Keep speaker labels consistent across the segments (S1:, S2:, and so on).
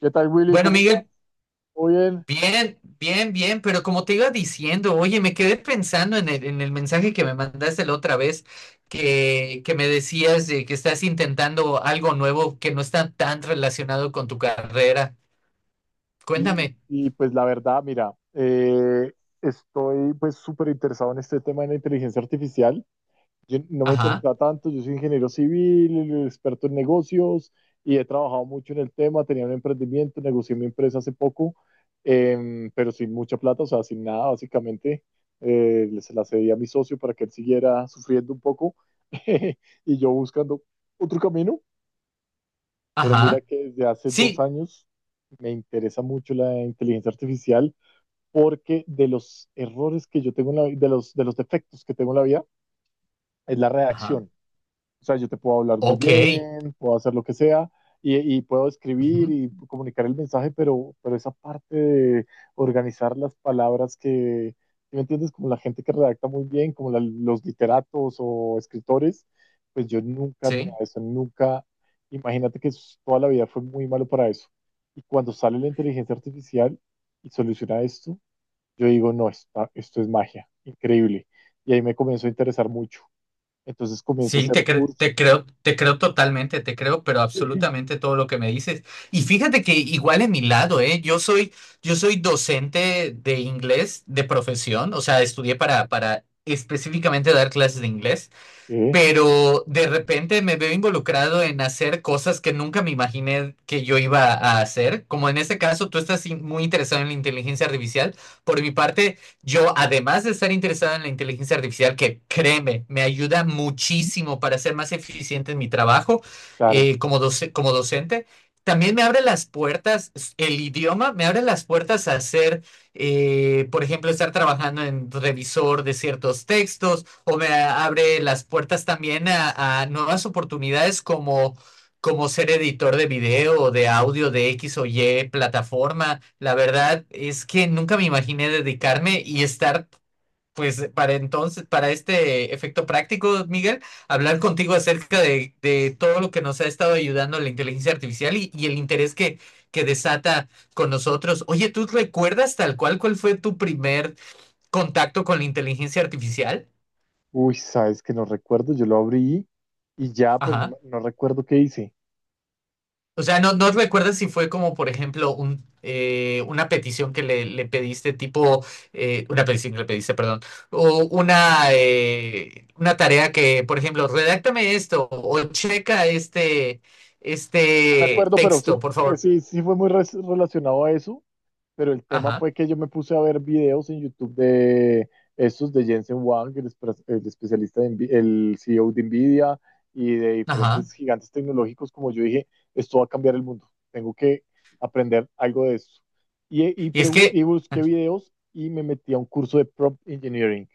S1: ¿Qué tal, Willy?
S2: Bueno,
S1: ¿Cómo vas?
S2: Miguel,
S1: ¿Todo bien?
S2: bien, bien, bien, pero como te iba diciendo, oye, me quedé pensando en el mensaje que me mandaste la otra vez, que me decías de que estás intentando algo nuevo que no está tan relacionado con tu carrera.
S1: Sí,
S2: Cuéntame.
S1: y pues la verdad, mira, estoy pues súper interesado en este tema de la inteligencia artificial. Yo no me
S2: Ajá.
S1: interesa tanto, yo soy ingeniero civil, experto en negocios y he trabajado mucho en el tema, tenía un emprendimiento, negocié mi empresa hace poco, pero sin mucha plata, o sea, sin nada, básicamente. Se la cedí a mi socio para que él siguiera sufriendo un poco y yo buscando otro camino. Pero mira
S2: Ajá.
S1: que desde hace dos
S2: Sí.
S1: años me interesa mucho la inteligencia artificial porque de los errores que yo tengo en la de de los defectos que tengo en la vida, es la
S2: Ajá.
S1: redacción. O sea, yo te puedo hablar muy
S2: Ok.
S1: bien, puedo hacer lo que sea y puedo escribir
S2: Ujú.
S1: y comunicar el mensaje, pero esa parte de organizar las palabras que, ¿sí? ¿Me entiendes? Como la gente que redacta muy bien, como los literatos o escritores, pues yo nunca tenía
S2: Sí.
S1: eso, nunca, imagínate que toda la vida fue muy malo para eso. Y cuando sale la inteligencia artificial y soluciona esto, yo digo, no, esto es magia, increíble. Y ahí me comenzó a interesar mucho. Entonces comienzo a
S2: Sí,
S1: hacer cursos,
S2: te creo totalmente, te creo, pero
S1: eh,
S2: absolutamente todo lo que me dices. Y fíjate que igual en mi lado, ¿eh? Yo soy docente de inglés de profesión, o sea, estudié para específicamente dar clases de inglés,
S1: eh,
S2: pero de repente me veo involucrado en hacer cosas que nunca me imaginé que yo iba a hacer, como en este caso tú estás muy interesado en la inteligencia artificial. Por mi parte, yo además de estar interesado en la inteligencia artificial, que créeme, me ayuda muchísimo para ser más eficiente en mi trabajo
S1: claro.
S2: como docente. También me abre las puertas, el idioma me abre las puertas a hacer, por ejemplo, estar trabajando en revisor de ciertos textos, o me abre las puertas también a nuevas oportunidades como ser editor de video o de audio de X o Y plataforma. La verdad es que nunca me imaginé dedicarme y estar, pues, para entonces, para este efecto práctico, Miguel, hablar contigo acerca de todo lo que nos ha estado ayudando la inteligencia artificial y el interés que desata con nosotros. Oye, ¿tú recuerdas tal cual cuál fue tu primer contacto con la inteligencia artificial?
S1: Uy, sabes que no recuerdo, yo lo abrí y ya, pero no,
S2: Ajá.
S1: no recuerdo qué hice.
S2: O sea, ¿no recuerdas si fue como, por ejemplo, una petición que le pediste, tipo, una petición que le pediste, perdón, o una tarea que, por ejemplo, redáctame esto o checa este,
S1: No me
S2: este
S1: acuerdo, pero
S2: texto,
S1: sí,
S2: por
S1: pues
S2: favor?
S1: sí, sí fue muy relacionado a eso, pero el tema
S2: Ajá.
S1: fue que yo me puse a ver videos en YouTube de estos de Jensen Huang, el, el especialista de el CEO de Nvidia y de
S2: Ajá.
S1: diferentes gigantes tecnológicos, como yo dije, esto va a cambiar el mundo, tengo que aprender algo de eso.
S2: Y es que,
S1: Y busqué videos y me metí a un curso de prompt engineering.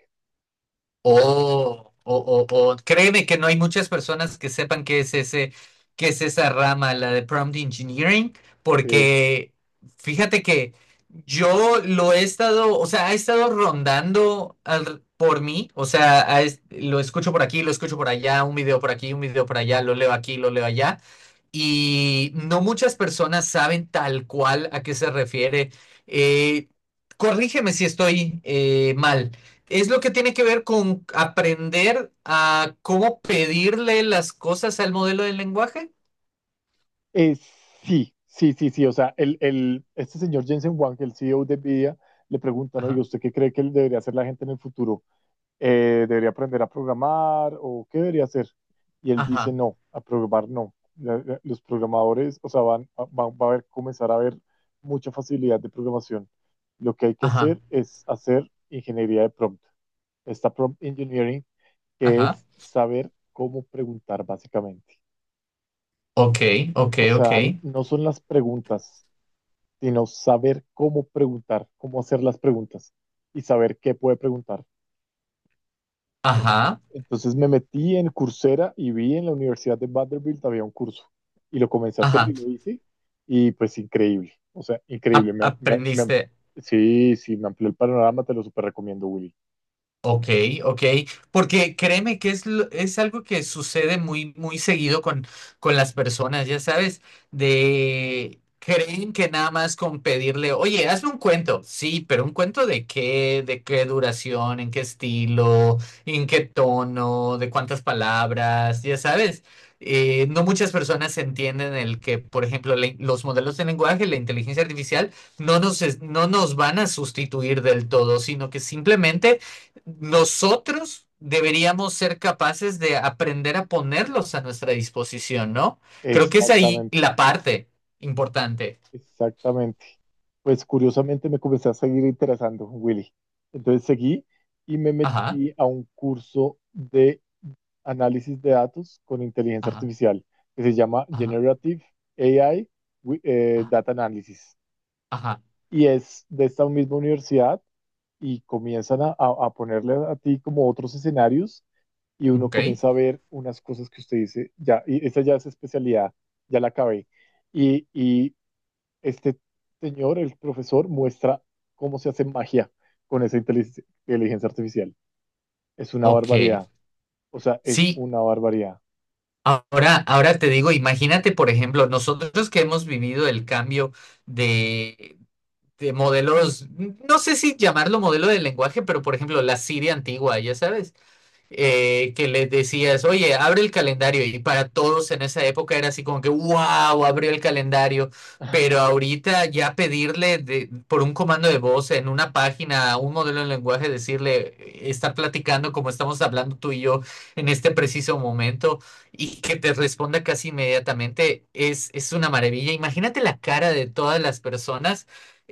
S2: O, o- Créeme que no hay muchas personas que sepan qué es ese, qué es esa rama, la de prompt engineering,
S1: Sí.
S2: porque fíjate que yo lo he estado, o sea, ha estado rondando por mí, o sea, lo escucho por aquí, lo escucho por allá, un video por aquí, un video por allá, lo leo aquí, lo leo allá, y no muchas personas saben tal cual a qué se refiere. Eh, Corrígeme si estoy mal. Es lo que tiene que ver con aprender a cómo pedirle las cosas al modelo del lenguaje.
S1: Eh, sí. O sea, este señor Jensen Huang, el CEO de Nvidia, le pregunta, ¿no? ¿Y
S2: Ajá.
S1: usted qué cree que debería hacer la gente en el futuro? ¿Debería aprender a programar o qué debería hacer? Y él dice,
S2: Ajá.
S1: no, a programar no. Los programadores, o sea, van, va a haber, comenzar a haber mucha facilidad de programación. Lo que hay que
S2: Ajá.
S1: hacer es hacer ingeniería de prompt. Esta prompt engineering, que
S2: Ajá.
S1: es saber cómo preguntar básicamente.
S2: Ok. Ok.
S1: O
S2: Ok.
S1: sea, no son las preguntas, sino saber cómo preguntar, cómo hacer las preguntas y saber qué puede preguntar.
S2: Ajá.
S1: Entonces me metí en Coursera y vi en la Universidad de Vanderbilt había un curso y lo comencé a hacer
S2: Ajá.
S1: y lo hice y pues increíble, o sea, increíble.
S2: Aprendiste.
S1: Sí, sí, me amplió el panorama, te lo súper recomiendo, Willy.
S2: Ok. Ok. Porque créeme que es algo que sucede muy, muy seguido con las personas, ya sabes, de creen que nada más con pedirle, oye, hazme un cuento, sí, pero un cuento de qué duración, en qué estilo, en qué tono, de cuántas palabras, ya sabes. No muchas personas entienden el que, por ejemplo, los modelos de lenguaje, la inteligencia artificial, no nos van a sustituir del todo, sino que simplemente nosotros deberíamos ser capaces de aprender a ponerlos a nuestra disposición, ¿no? Creo que es ahí
S1: Exactamente.
S2: la parte importante.
S1: Exactamente. Pues curiosamente me comencé a seguir interesando, Willy. Entonces seguí y me
S2: Ajá.
S1: metí a un curso de análisis de datos con inteligencia
S2: Ajá.
S1: artificial que se llama
S2: Ajá.
S1: Generative AI
S2: Ajá.
S1: Data Analysis.
S2: Ajá.
S1: Y es de esta misma universidad y comienzan a, a ponerle a ti como otros escenarios y uno
S2: Ok.
S1: comienza a ver unas cosas que usted dice, ya, y esa ya es especialidad, ya la acabé. Este señor, el profesor, muestra cómo se hace magia con esa inteligencia artificial. Es una
S2: Ok.
S1: barbaridad. O sea, es
S2: Sí,
S1: una barbaridad.
S2: ahora, ahora te digo, imagínate, por ejemplo, nosotros que hemos vivido el cambio de, de modelos, no sé si llamarlo modelo de lenguaje, pero por ejemplo, la Siria antigua, ya sabes, que les decías, oye, abre el calendario. Y para todos en esa época era así como que, wow, abrió el calendario. Pero ahorita ya pedirle por un comando de voz en una página, un modelo de lenguaje, decirle, está platicando como estamos hablando tú y yo en este preciso momento y que te responda casi inmediatamente, es una maravilla. Imagínate la cara de todas las personas,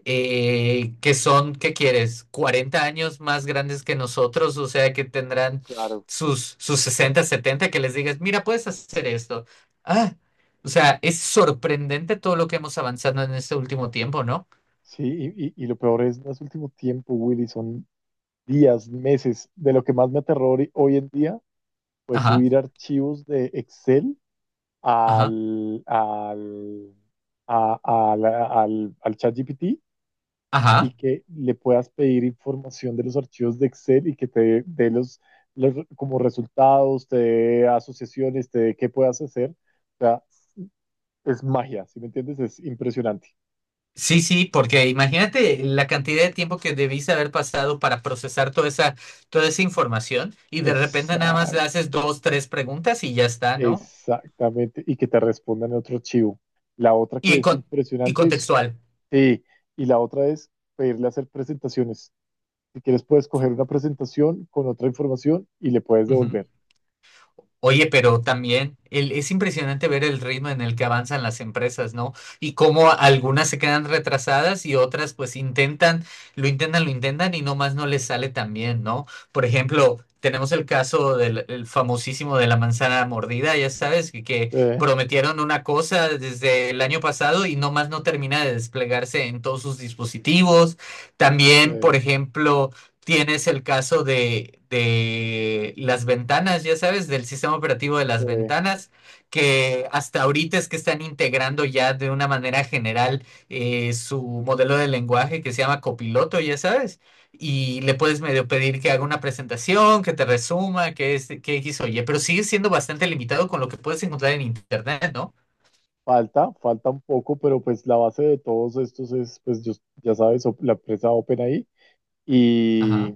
S2: que son, ¿qué quieres?, 40 años más grandes que nosotros, o sea, que tendrán
S1: Claro.
S2: sus 60 70, que les digas, mira, puedes hacer esto. Ah, o sea, es sorprendente todo lo que hemos avanzado en este último tiempo, ¿no?
S1: Sí, y lo peor es, no es último tiempo, Willy, son días, meses. De lo que más me aterrori hoy en día pues
S2: Ajá.
S1: subir archivos de Excel
S2: Ajá.
S1: al, al, a- a la- al, al ChatGPT y
S2: Ajá.
S1: que le puedas pedir información de los archivos de Excel y que te dé los, como resultados, te dé asociaciones, te dé qué puedas hacer. O sea, es magia, ¿si me entiendes? Es impresionante.
S2: Sí, sí, porque imagínate la cantidad de tiempo que debiste haber pasado para procesar toda esa información, y de repente nada más le
S1: Exac-
S2: haces dos, tres preguntas y ya está, ¿no?
S1: exactamente. Y que te respondan en otro archivo. La otra que
S2: Y,
S1: es
S2: con, y
S1: impresionante es,
S2: contextual.
S1: sí, y la otra es pedirle hacer presentaciones. Si quieres, puedes coger una presentación con otra información y le puedes
S2: Ujú.
S1: devolver.
S2: Oye, pero también es impresionante ver el ritmo en el que avanzan las empresas, ¿no? Y cómo algunas se quedan retrasadas y otras pues intentan, lo intentan, lo intentan, y nomás no les sale tan bien, ¿no? Por ejemplo, tenemos el caso del el famosísimo de la manzana mordida, ya sabes, que
S1: Eh,
S2: prometieron una cosa desde el año pasado y nomás no termina de desplegarse en todos sus dispositivos. También, por
S1: eh,
S2: ejemplo. Tienes el caso de las ventanas, ya sabes, del sistema operativo de las
S1: eh.
S2: ventanas, que hasta ahorita es que están integrando ya de una manera general, su modelo de lenguaje que se llama Copiloto, ya sabes, y le puedes medio pedir que haga una presentación, que te resuma, que es, que X o Y, pero sigue siendo bastante limitado con lo que puedes encontrar en internet, ¿no?
S1: Falta, falta un poco, pero pues la base de todos estos es, ya sabes, la empresa OpenAI. Y
S2: Ajá.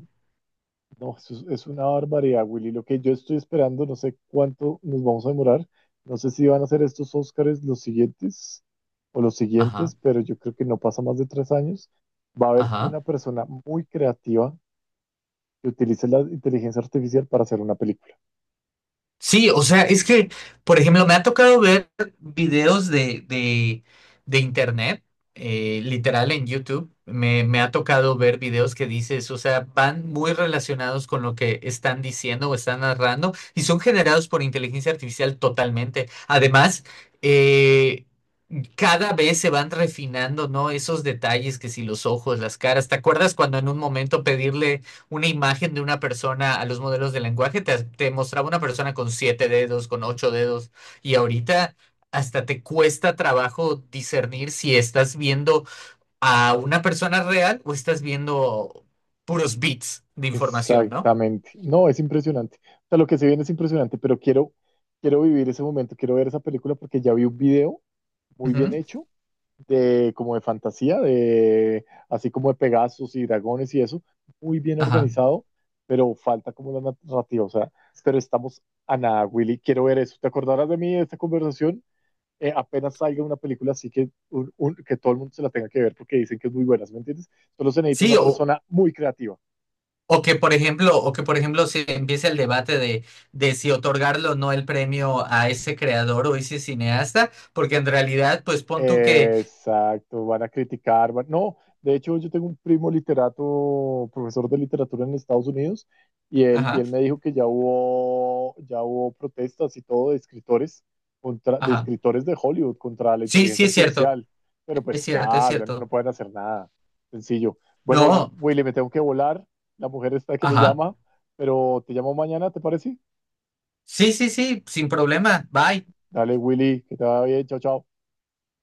S1: no, eso es una barbaridad, Willy. Lo que yo estoy esperando, no sé cuánto nos vamos a demorar. No sé si van a ser estos Óscares los siguientes o los
S2: Ajá.
S1: siguientes, pero yo creo que no pasa más de 3 años. Va a haber
S2: Ajá.
S1: una persona muy creativa que utilice la inteligencia artificial para hacer una película.
S2: Sí, o sea, es que, por ejemplo, me ha tocado ver videos de internet, literal en YouTube. Me ha tocado ver videos que dices, o sea, van muy relacionados con lo que están diciendo o están narrando, y son generados por inteligencia artificial totalmente. Además, eh, cada vez se van refinando, ¿no? Esos detalles que si los ojos, las caras, ¿te acuerdas cuando en un momento pedirle una imagen de una persona a los modelos de lenguaje, te mostraba una persona con siete dedos, con ocho dedos, y ahorita hasta te cuesta trabajo discernir si estás viendo a una persona real o estás viendo puros bits de información, ¿no?
S1: Exactamente. No, es impresionante. O sea, lo que se viene es impresionante, pero quiero, quiero vivir ese momento, quiero ver esa película porque ya vi un video muy bien
S2: Ujú.
S1: hecho de como de fantasía, de así como de Pegasos y dragones y eso, muy bien
S2: Ajá.
S1: organizado, pero falta como la narrativa, o sea, pero estamos a nada, Willy, quiero ver eso. ¿Te acordarás de mí de esta conversación? Apenas salga una película así que, que todo el mundo se la tenga que ver porque dicen que es muy buena, ¿sí? ¿Me entiendes? Solo se necesita
S2: Sí,
S1: una persona muy creativa.
S2: o que por ejemplo, o que por ejemplo se empiece el debate de si otorgarlo o no el premio a ese creador o ese cineasta, porque en realidad, pues pon tú que,
S1: Exacto, van a criticar, no, de hecho yo tengo un primo literato, profesor de literatura en Estados Unidos, y
S2: ajá,
S1: él me dijo que ya hubo protestas y todo de escritores, contra, de
S2: ajá.
S1: escritores de Hollywood contra la
S2: Sí, sí
S1: inteligencia
S2: es cierto.
S1: artificial, pero
S2: Es
S1: pues
S2: cierto, es
S1: nada, ya no, no
S2: cierto.
S1: pueden hacer nada, sencillo. Bueno,
S2: No.
S1: Willy, me tengo que volar, la mujer está que me
S2: Ajá.
S1: llama, pero te llamo mañana, ¿te parece?
S2: Sí, sí, sí, sin problema. Bye.
S1: Dale, Willy, que te vaya bien, chao, chao.